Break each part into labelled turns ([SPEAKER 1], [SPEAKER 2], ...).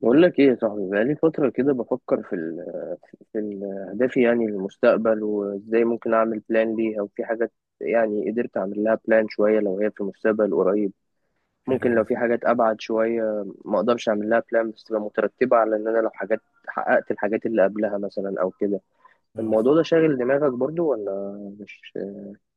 [SPEAKER 1] بقول لك ايه يا صاحبي؟ بقالي فترة كده بفكر في ال في ال اهدافي يعني للمستقبل وازاي ممكن اعمل بلان ليها. وفي حاجات يعني قدرت اعمل لها بلان شوية لو هي في المستقبل قريب،
[SPEAKER 2] حلو
[SPEAKER 1] ممكن لو
[SPEAKER 2] ده.
[SPEAKER 1] في حاجات ابعد شوية ما اقدرش اعمل لها بلان، بس تبقى مترتبة على ان انا لو حاجات حققت الحاجات اللي قبلها مثلا او كده.
[SPEAKER 2] اه
[SPEAKER 1] الموضوع ده شاغل دماغك برضو ولا مش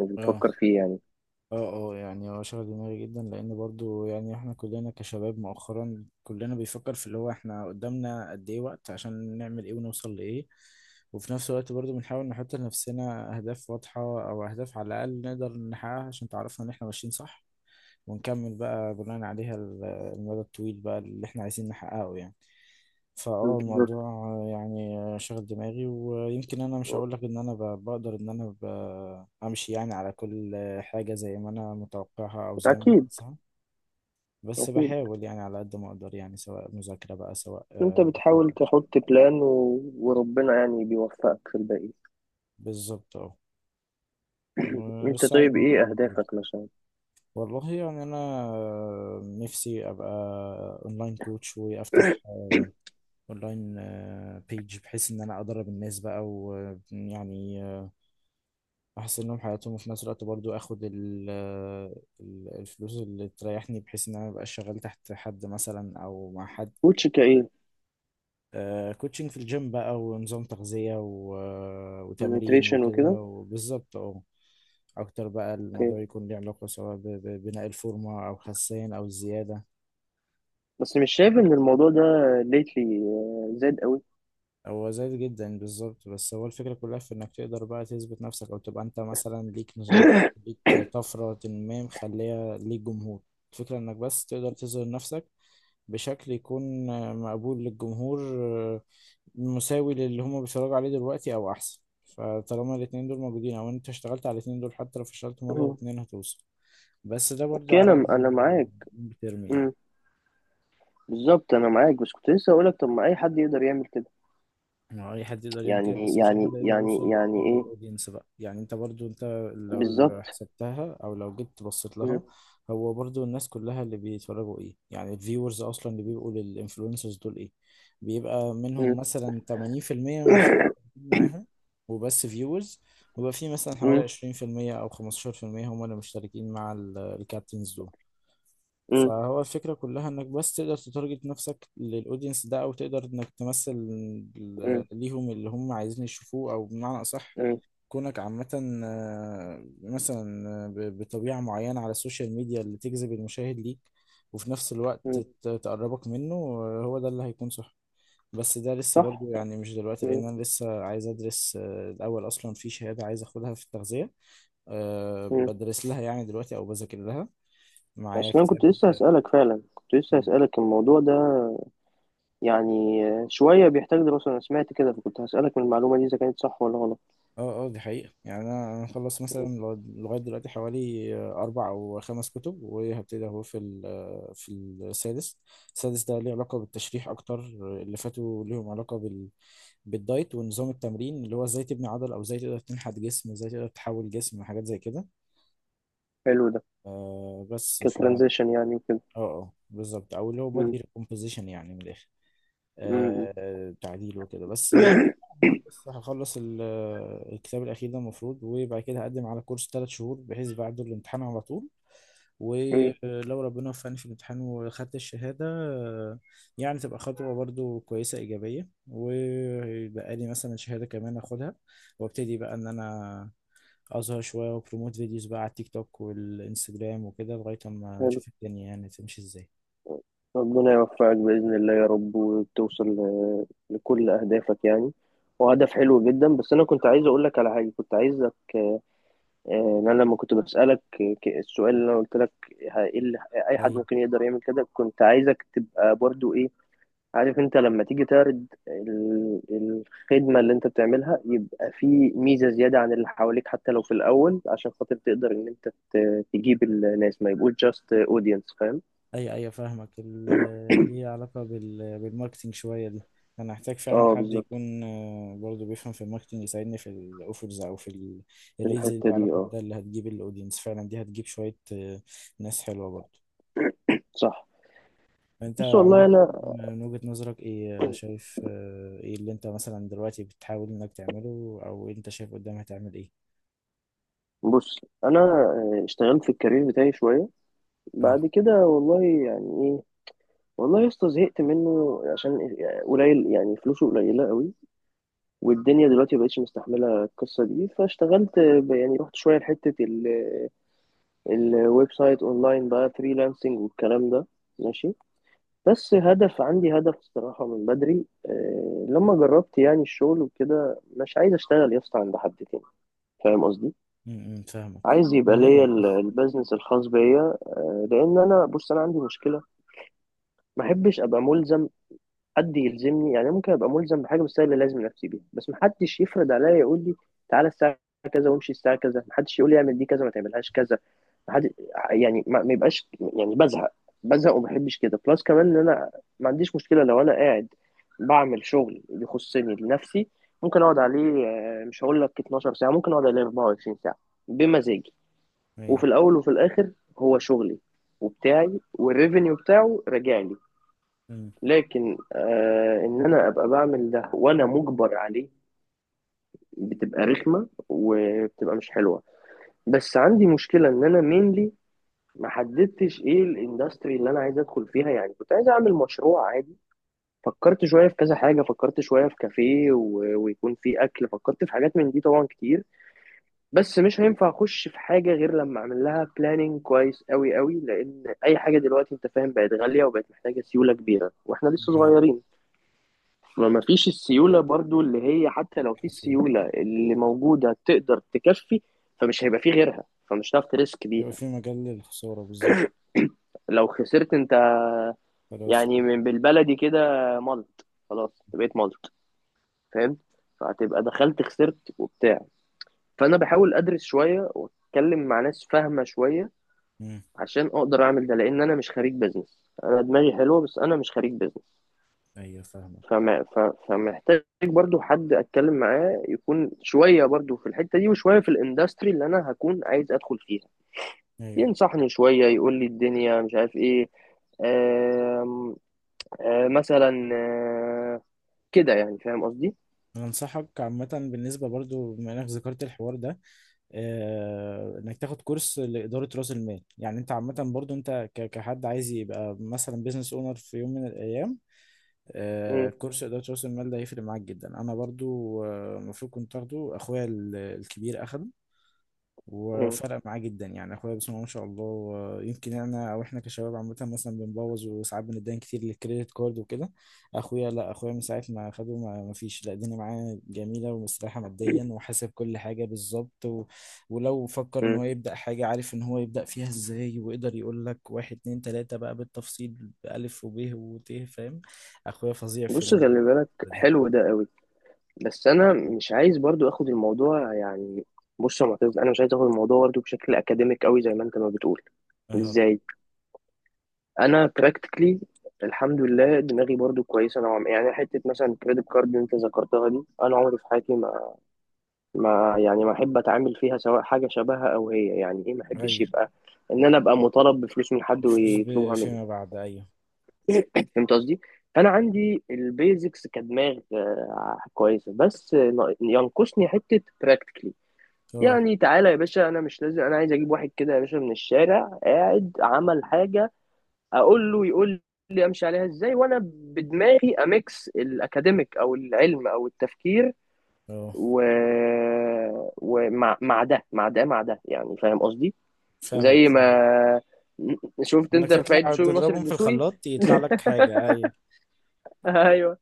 [SPEAKER 1] مش
[SPEAKER 2] اه اه
[SPEAKER 1] بتفكر فيه يعني؟
[SPEAKER 2] اه يعني هو شغل دماغي جدا لان برضو يعني احنا كلنا كشباب مؤخرا كلنا بيفكر في اللي هو احنا قدامنا قد ايه وقت عشان نعمل ايه ونوصل لايه، وفي نفس الوقت برضو بنحاول نحط لنفسنا اهداف واضحة او اهداف على الاقل نقدر نحققها عشان تعرفنا ان احنا ماشيين صح، ونكمل بقى بناء عليها المدى الطويل بقى اللي احنا عايزين نحققه يعني. فاه الموضوع
[SPEAKER 1] بالظبط.
[SPEAKER 2] يعني شاغل دماغي، ويمكن انا مش هقول لك ان انا بقدر ان انا امشي يعني على كل حاجة زي ما انا متوقعها او زي ما
[SPEAKER 1] اكيد
[SPEAKER 2] عايزها. بس
[SPEAKER 1] اكيد.
[SPEAKER 2] بحاول يعني على قد ما اقدر، يعني سواء مذاكرة بقى سواء
[SPEAKER 1] انت
[SPEAKER 2] محاولة.
[SPEAKER 1] بتحاول تحط بلان وربنا يعني بيوفقك في الباقي.
[SPEAKER 2] بالظبط اه،
[SPEAKER 1] انت
[SPEAKER 2] والسعي
[SPEAKER 1] طيب ايه
[SPEAKER 2] مطلوب برضه.
[SPEAKER 1] اهدافك مثلا؟
[SPEAKER 2] والله يعني انا نفسي ابقى اونلاين كوتش، وافتح اونلاين بيج بحيث ان انا ادرب الناس بقى، ويعني احسن لهم حياتهم، وفي نفس الوقت برضو اخد الفلوس اللي تريحني بحيث ان انا مبقاش شغال تحت حد مثلا او مع حد.
[SPEAKER 1] كوتش كايه؟
[SPEAKER 2] كوتشنج في الجيم بقى، ونظام تغذية وتمرين
[SPEAKER 1] نيوتريشن
[SPEAKER 2] وكده،
[SPEAKER 1] وكده؟
[SPEAKER 2] وبالظبط اه. اكتر بقى
[SPEAKER 1] اوكي،
[SPEAKER 2] الموضوع يكون ليه علاقة سواء ببناء الفورمة او خسان او الزيادة.
[SPEAKER 1] بس مش شايف ان الموضوع ده ليتلي زاد قوي؟
[SPEAKER 2] هو زايد جدا بالظبط، بس هو الفكرة كلها في انك تقدر بقى تثبت نفسك، او تبقى انت مثلا ليك نظام، ليك طفرة ما، مخلية ليك جمهور. الفكرة انك بس تقدر تظهر نفسك بشكل يكون مقبول للجمهور، مساوي للي هما بيتفرجوا عليه دلوقتي او احسن. فطالما الاتنين دول موجودين، او انت اشتغلت على الاتنين دول، حتى لو فشلت مرة
[SPEAKER 1] مم.
[SPEAKER 2] واتنين هتوصل. بس ده برضو
[SPEAKER 1] اوكي،
[SPEAKER 2] على
[SPEAKER 1] انا معاك.
[SPEAKER 2] الميد تيرم يعني.
[SPEAKER 1] مم. بالظبط انا معاك، بس كنت لسه اقولك طب ما اي حد يقدر يعمل كده.
[SPEAKER 2] ما هو اي حد يقدر يعمل كده،
[SPEAKER 1] يعني
[SPEAKER 2] بس مش اي
[SPEAKER 1] يعني
[SPEAKER 2] حد يقدر يوصل
[SPEAKER 1] يعني يعني
[SPEAKER 2] للتارجت
[SPEAKER 1] ايه؟
[SPEAKER 2] اودينس بقى. يعني انت برضو انت لو لو
[SPEAKER 1] بالظبط.
[SPEAKER 2] حسبتها او لو جيت بصيت
[SPEAKER 1] مم.
[SPEAKER 2] لها، هو برضو الناس كلها اللي بيتفرجوا ايه يعني، الفيورز اصلا اللي بيبقوا للانفلونسرز دول ايه، بيبقى منهم
[SPEAKER 1] مم.
[SPEAKER 2] مثلا 80% مش مشتركين معاهم وبس فيورز، ويبقى في مثلا حوالي
[SPEAKER 1] مم.
[SPEAKER 2] 20% او 15% هم اللي مشتركين مع الكابتنز دول.
[SPEAKER 1] مم.
[SPEAKER 2] فهو الفكرة كلها انك بس تقدر تتارجت نفسك للاودينس ده، او تقدر انك تمثل
[SPEAKER 1] مم.
[SPEAKER 2] ليهم اللي هم عايزين يشوفوه، او بمعنى اصح
[SPEAKER 1] مم.
[SPEAKER 2] كونك عامة مثلا بطبيعة معينة على السوشيال ميديا اللي تجذب المشاهد ليك، وفي نفس الوقت
[SPEAKER 1] مم.
[SPEAKER 2] تقربك منه. هو ده اللي هيكون صح. بس ده لسه
[SPEAKER 1] صح.
[SPEAKER 2] برضو يعني مش دلوقتي،
[SPEAKER 1] مم.
[SPEAKER 2] لان انا لسه عايز ادرس الاول، اصلا في شهادة عايز اخدها في التغذية.
[SPEAKER 1] مم.
[SPEAKER 2] بدرس لها يعني دلوقتي او بذاكر لها، معايا
[SPEAKER 1] اصلا
[SPEAKER 2] كتاب.
[SPEAKER 1] كنت لسه هسألك، فعلا كنت لسه هسألك الموضوع ده يعني شوية بيحتاج دراسة. أنا سمعت كده، فكنت هسألك من المعلومة دي إذا كانت صح ولا غلط.
[SPEAKER 2] اه اه، دي حقيقة يعني. انا انا مخلص مثلا لغاية دلوقتي حوالي اربع او خمس كتب، وهبتدي اهو في في السادس. السادس ده ليه علاقة بالتشريح اكتر، اللي فاتوا ليهم علاقة بال بالدايت ونظام التمرين، اللي هو ازاي تبني عضل او ازاي تقدر تنحت جسم، ازاي تقدر تحول جسم، حاجات زي كده.
[SPEAKER 1] حلو ده.
[SPEAKER 2] آه بس ف اه.
[SPEAKER 1] كترانزيشن يعني وكده؟
[SPEAKER 2] اه بالظبط، او اللي هو
[SPEAKER 1] مم.
[SPEAKER 2] بودي ريكومبوزيشن يعني من الاخر.
[SPEAKER 1] مم.
[SPEAKER 2] آه تعديل وكده بس.
[SPEAKER 1] مم.
[SPEAKER 2] بس هخلص الكتاب الأخير ده المفروض، وبعد كده هقدم على كورس ثلاث شهور، بحيث بعد الامتحان على طول.
[SPEAKER 1] إيه،
[SPEAKER 2] ولو ربنا وفقني في الامتحان وخدت الشهادة، يعني تبقى خطوة برضو كويسة إيجابية، ويبقى لي مثلا شهادة كمان أخدها، وابتدي بقى إن أنا أظهر شوية وبروموت فيديوز بقى على التيك توك والإنستجرام وكده، لغاية ما
[SPEAKER 1] حلو.
[SPEAKER 2] نشوف الدنيا يعني تمشي إزاي.
[SPEAKER 1] ربنا يوفقك بإذن الله يا رب، وتوصل ل- لكل أهدافك يعني. وهدف حلو جدا. بس أنا كنت عايز أقول لك على حاجة كنت عايزك آه، آه، إن أنا لما كنت بسألك، ك- السؤال اللي أنا قلت لك ه- إيه اللي إيه أي حد
[SPEAKER 2] أي
[SPEAKER 1] ممكن يقدر يعمل كده، كنت عايزك تبقى برضو إيه، عارف، انت لما تيجي تعرض ال- الخدمة اللي انت بتعملها يبقى في ميزة زيادة عن اللي حواليك، حتى لو في الأول، عشان خاطر تقدر ان انت ت- تجيب الناس ما يبقوش جاست اودينس. فاهم؟
[SPEAKER 2] ايوه ايوه، فاهمك. ليه علاقة بال... بالماركتينج شوية دي. انا هحتاج فعلا اه
[SPEAKER 1] اه
[SPEAKER 2] حد
[SPEAKER 1] بالظبط.
[SPEAKER 2] يكون برضه بيفهم في الماركتينج، يساعدني في الاوفرز او في
[SPEAKER 1] في
[SPEAKER 2] الريلز اللي
[SPEAKER 1] الحتة
[SPEAKER 2] ليها
[SPEAKER 1] دي
[SPEAKER 2] علاقة
[SPEAKER 1] اه.
[SPEAKER 2] بده، اللي هتجيب الاودينس فعلا. دي هتجيب شوية ناس حلوة برضه.
[SPEAKER 1] صح.
[SPEAKER 2] انت
[SPEAKER 1] بص
[SPEAKER 2] اه عامة
[SPEAKER 1] والله انا،
[SPEAKER 2] والله، من وجهة نظرك ايه شايف ايه اللي انت مثلا دلوقتي بتحاول انك تعمله، او انت شايف قدام هتعمل ايه؟
[SPEAKER 1] بص انا اشتغلت في الكارير بتاعي شوية. بعد
[SPEAKER 2] اه
[SPEAKER 1] كده والله يعني ايه، والله يا اسطى زهقت منه عشان يعني قليل، يعني فلوسه قليلة قوي، والدنيا دلوقتي مبقتش مستحملة القصة دي. فاشتغلت ب- يعني رحت شوية لحتة الويب سايت اونلاين بقى، فريلانسنج والكلام ده. ماشي. بس هدف عندي، هدف الصراحة من بدري، لما جربت يعني الشغل وكده، مش عايز اشتغل يا اسطى عند حد تاني. فاهم قصدي؟
[SPEAKER 2] م- م، فاهمك
[SPEAKER 1] عايز يبقى ليا
[SPEAKER 2] كلنا.
[SPEAKER 1] ال- البيزنس الخاص بيا، لان انا بص انا عندي مشكلة، ما احبش ابقى ملزم. حد يلزمني يعني، ممكن ابقى ملزم بحاجه بس هي اللي لازم نفسي بيها، بس محدش يفرض عليا يقول لي تعالى الساعه كذا وامشي الساعه كذا، محدش يقول لي اعمل دي كذا ما تعملهاش كذا. محد يعني ما يبقاش يعني بزهق، بزهق وما بحبش كده. بلس كمان ان انا ما عنديش مشكله لو انا قاعد بعمل شغل يخصني لنفسي، ممكن اقعد عليه، مش هقول لك 12 ساعة ساعه، ممكن اقعد عليه 24 ساعة ساعه بمزاجي.
[SPEAKER 2] مم،
[SPEAKER 1] وفي
[SPEAKER 2] ايه.
[SPEAKER 1] الاول وفي الاخر هو شغلي وبتاعي، والريفينيو بتاعه راجع لي.
[SPEAKER 2] امم.
[SPEAKER 1] لكن آه ان انا ابقى بعمل ده وانا مجبر عليه، بتبقى رخمه وبتبقى مش حلوه. بس عندي مشكله ان انا مينلي ما حددتش ايه الاندستري اللي انا عايز ادخل فيها. يعني كنت عايز اعمل مشروع عادي، فكرت شويه في كذا حاجه، فكرت شويه في كافيه ويكون فيه اكل، فكرت في حاجات من دي طبعا كتير. بس مش هينفع اخش في حاجه غير لما اعمل لها بلاننج كويس قوي قوي، لان اي حاجه دلوقتي انت فاهم بقت غاليه وبقت محتاجه سيوله كبيره، واحنا لسه
[SPEAKER 2] حقيقي.
[SPEAKER 1] صغيرين. ما فيش السيولة برضو اللي هي، حتى لو في
[SPEAKER 2] في
[SPEAKER 1] السيولة اللي موجودة تقدر تكفي، فمش هيبقى في غيرها، فمش هتعرف تريسك بيها.
[SPEAKER 2] في مجال للخسارة بالظبط.
[SPEAKER 1] لو خسرت انت
[SPEAKER 2] خلاص.
[SPEAKER 1] يعني من بالبلدي كده ملط، خلاص أنت بقيت ملط. فاهم؟ فهتبقى دخلت خسرت وبتاع. فانا بحاول ادرس شوية واتكلم مع ناس فاهمة شوية
[SPEAKER 2] مم.
[SPEAKER 1] عشان اقدر اعمل ده، لان انا مش خريج بزنس. انا دماغي حلوة، بس انا مش خريج بزنس.
[SPEAKER 2] ايوه فاهمك.
[SPEAKER 1] فما ف- فمحتاج برضو حد اتكلم معاه يكون شويه برضو في الحته دي، وشويه في الاندستري اللي انا هكون عايز ادخل فيها،
[SPEAKER 2] ايوه،
[SPEAKER 1] ينصحني شويه يقول لي الدنيا مش عارف ايه. آم، مثلا كده يعني، فاهم قصدي؟
[SPEAKER 2] انا انصحك عامه بالنسبه برضو، بما انك ذكرت الحوار ده، آه انك تاخد كورس لاداره راس المال. يعني انت عامه برضو انت كحد عايز يبقى مثلا بيزنس اونر في يوم من الايام، آه
[SPEAKER 1] م-
[SPEAKER 2] كورس اداره راس المال ده هيفرق معاك جدا. انا برضو المفروض آه المفروض كنت اخده. اخويا الكبير اخده،
[SPEAKER 1] م-
[SPEAKER 2] وفرق معاه جدا يعني. اخويا بسم الله ما شاء الله، يمكن انا او احنا كشباب عامه مثلا بنبوظ، وساعات بنتدين كتير للكريدت كارد وكده. اخويا لا، اخويا من ساعه ما خده ما فيش لا، الدنيا معاه جميله ومستريحه ماديا، وحاسب كل حاجه بالظبط و... ولو فكر ان
[SPEAKER 1] م.
[SPEAKER 2] هو يبدا حاجه، عارف ان هو يبدا فيها ازاي، ويقدر يقول لك واحد اتنين تلاته بقى بالتفصيل، بالف وب وت فاهم. اخويا فظيع في
[SPEAKER 1] بص
[SPEAKER 2] ال...
[SPEAKER 1] خلي بالك،
[SPEAKER 2] دي
[SPEAKER 1] حلو ده قوي، بس انا مش عايز برضو اخد الموضوع يعني. بص يا معتز، انا مش عايز اخد الموضوع برضو بشكل اكاديميك قوي زي ما انت ما بتقول.
[SPEAKER 2] اهو.
[SPEAKER 1] ازاي؟ انا براكتيكلي، الحمد لله دماغي برضو كويسه نوعا ما يعني. حته مثلا كريدت كارد انت ذكرتها دي، انا عمري في حياتي ما، ما احب اتعامل فيها سواء حاجه شبهها او هي يعني ايه. ما احبش
[SPEAKER 2] ايوه
[SPEAKER 1] يبقى ان انا ابقى مطالب بفلوس من حد
[SPEAKER 2] الفلوس
[SPEAKER 1] ويطلبها مني.
[SPEAKER 2] فيما بعد ايوه.
[SPEAKER 1] فهمت قصدي؟ انا عندي البيزكس كدماغ كويسه، بس نا- ينقصني حته براكتيكلي.
[SPEAKER 2] اه
[SPEAKER 1] يعني تعالى يا باشا انا مش لازم، انا عايز اجيب واحد كده يا باشا من الشارع قاعد عمل حاجه، اقول له يقول لي امشي عليها ازاي، وانا بدماغي اميكس الاكاديميك او العلم او التفكير
[SPEAKER 2] اه
[SPEAKER 1] و... ومع مع ده يعني، فاهم قصدي؟
[SPEAKER 2] فاهمك
[SPEAKER 1] زي
[SPEAKER 2] فاهمك.
[SPEAKER 1] ما شفت
[SPEAKER 2] انك
[SPEAKER 1] انت رفاعي
[SPEAKER 2] تطلع
[SPEAKER 1] الدسوقي وناصر
[SPEAKER 2] تضربهم في
[SPEAKER 1] الدسوقي.
[SPEAKER 2] الخلاط يطلع لك حاجة، ايوه.
[SPEAKER 1] ايوه،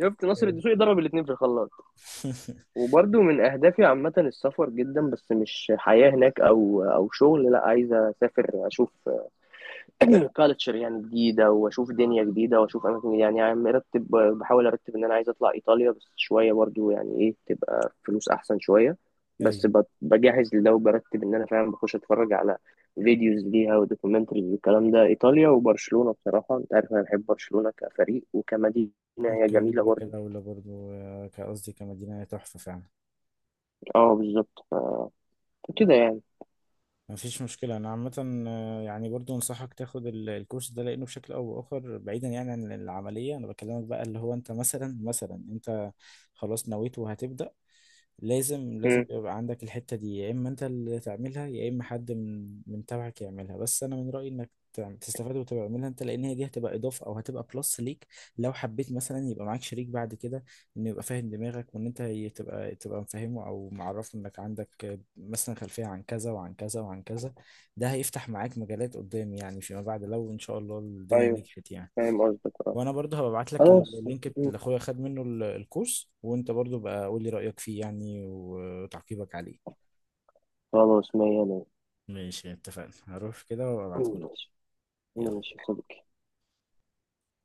[SPEAKER 1] شفت ناصر
[SPEAKER 2] أوكي.
[SPEAKER 1] الدسوقي ضرب الاثنين في الخلاط. وبرده من اهدافي عامه السفر جدا، بس مش حياه هناك او شغل، لا، عايز اسافر اشوف كالتشر يعني جديدة، وأشوف دنيا جديدة، وأشوف أماكن جديدة يعني. عم مرتب، بحاول أرتب إن أنا عايز أطلع إيطاليا، بس شوية برضو يعني إيه تبقى فلوس أحسن شوية. بس
[SPEAKER 2] ايوه.
[SPEAKER 1] ب- بجهز لده وبرتب إن أنا فعلا بخش أتفرج على فيديوز ليها ودوكيومنتريز والكلام ده، إيطاليا وبرشلونة. بصراحة أنت عارف أنا بحب برشلونة كفريق وكمدينة، هي
[SPEAKER 2] ممكن
[SPEAKER 1] جميلة
[SPEAKER 2] نبدأ
[SPEAKER 1] برضو.
[SPEAKER 2] كدولة برضو كقصدي كمدينة، هي تحفة فعلا.
[SPEAKER 1] أه بالظبط. ف- فكده يعني.
[SPEAKER 2] مفيش مشكلة. أنا عامة يعني برضو أنصحك تاخد الكورس ده، لأنه بشكل أو بآخر بعيدا يعني عن العملية. أنا بكلمك بقى اللي هو أنت مثلا أنت خلاص نويت وهتبدأ، لازم لازم
[SPEAKER 1] مم.
[SPEAKER 2] يبقى عندك الحتة دي، يا إما أنت اللي تعملها يا إما حد من تبعك يعملها. بس أنا من رأيي إنك تستفاد وتعملها أنت، لأن هي دي هتبقى إضافة أو هتبقى بلس ليك. لو حبيت مثلا يبقى معاك شريك بعد كده، إنه يبقى فاهم دماغك، وإن أنت تبقى تبقى مفهمه أو معرفه إنك عندك مثلا خلفية عن كذا وعن كذا وعن كذا. ده هيفتح معاك مجالات قدام يعني فيما بعد، لو إن شاء الله الدنيا
[SPEAKER 1] أيوه
[SPEAKER 2] نجحت يعني.
[SPEAKER 1] فاهم قصدك أه.
[SPEAKER 2] وانا برضه هبقى ابعت لك
[SPEAKER 1] خلاص.
[SPEAKER 2] اللينك
[SPEAKER 1] مم.
[SPEAKER 2] اللي اخويا خد منه الكورس، وانت برضه بقى قول لي رايك فيه يعني وتعقيبك عليه.
[SPEAKER 1] خلاص مية مية.
[SPEAKER 2] ماشي اتفقنا، هروح كده
[SPEAKER 1] مم،
[SPEAKER 2] وابعتهولك.
[SPEAKER 1] ماشي.
[SPEAKER 2] يلا.
[SPEAKER 1] ماشي يا صديقي.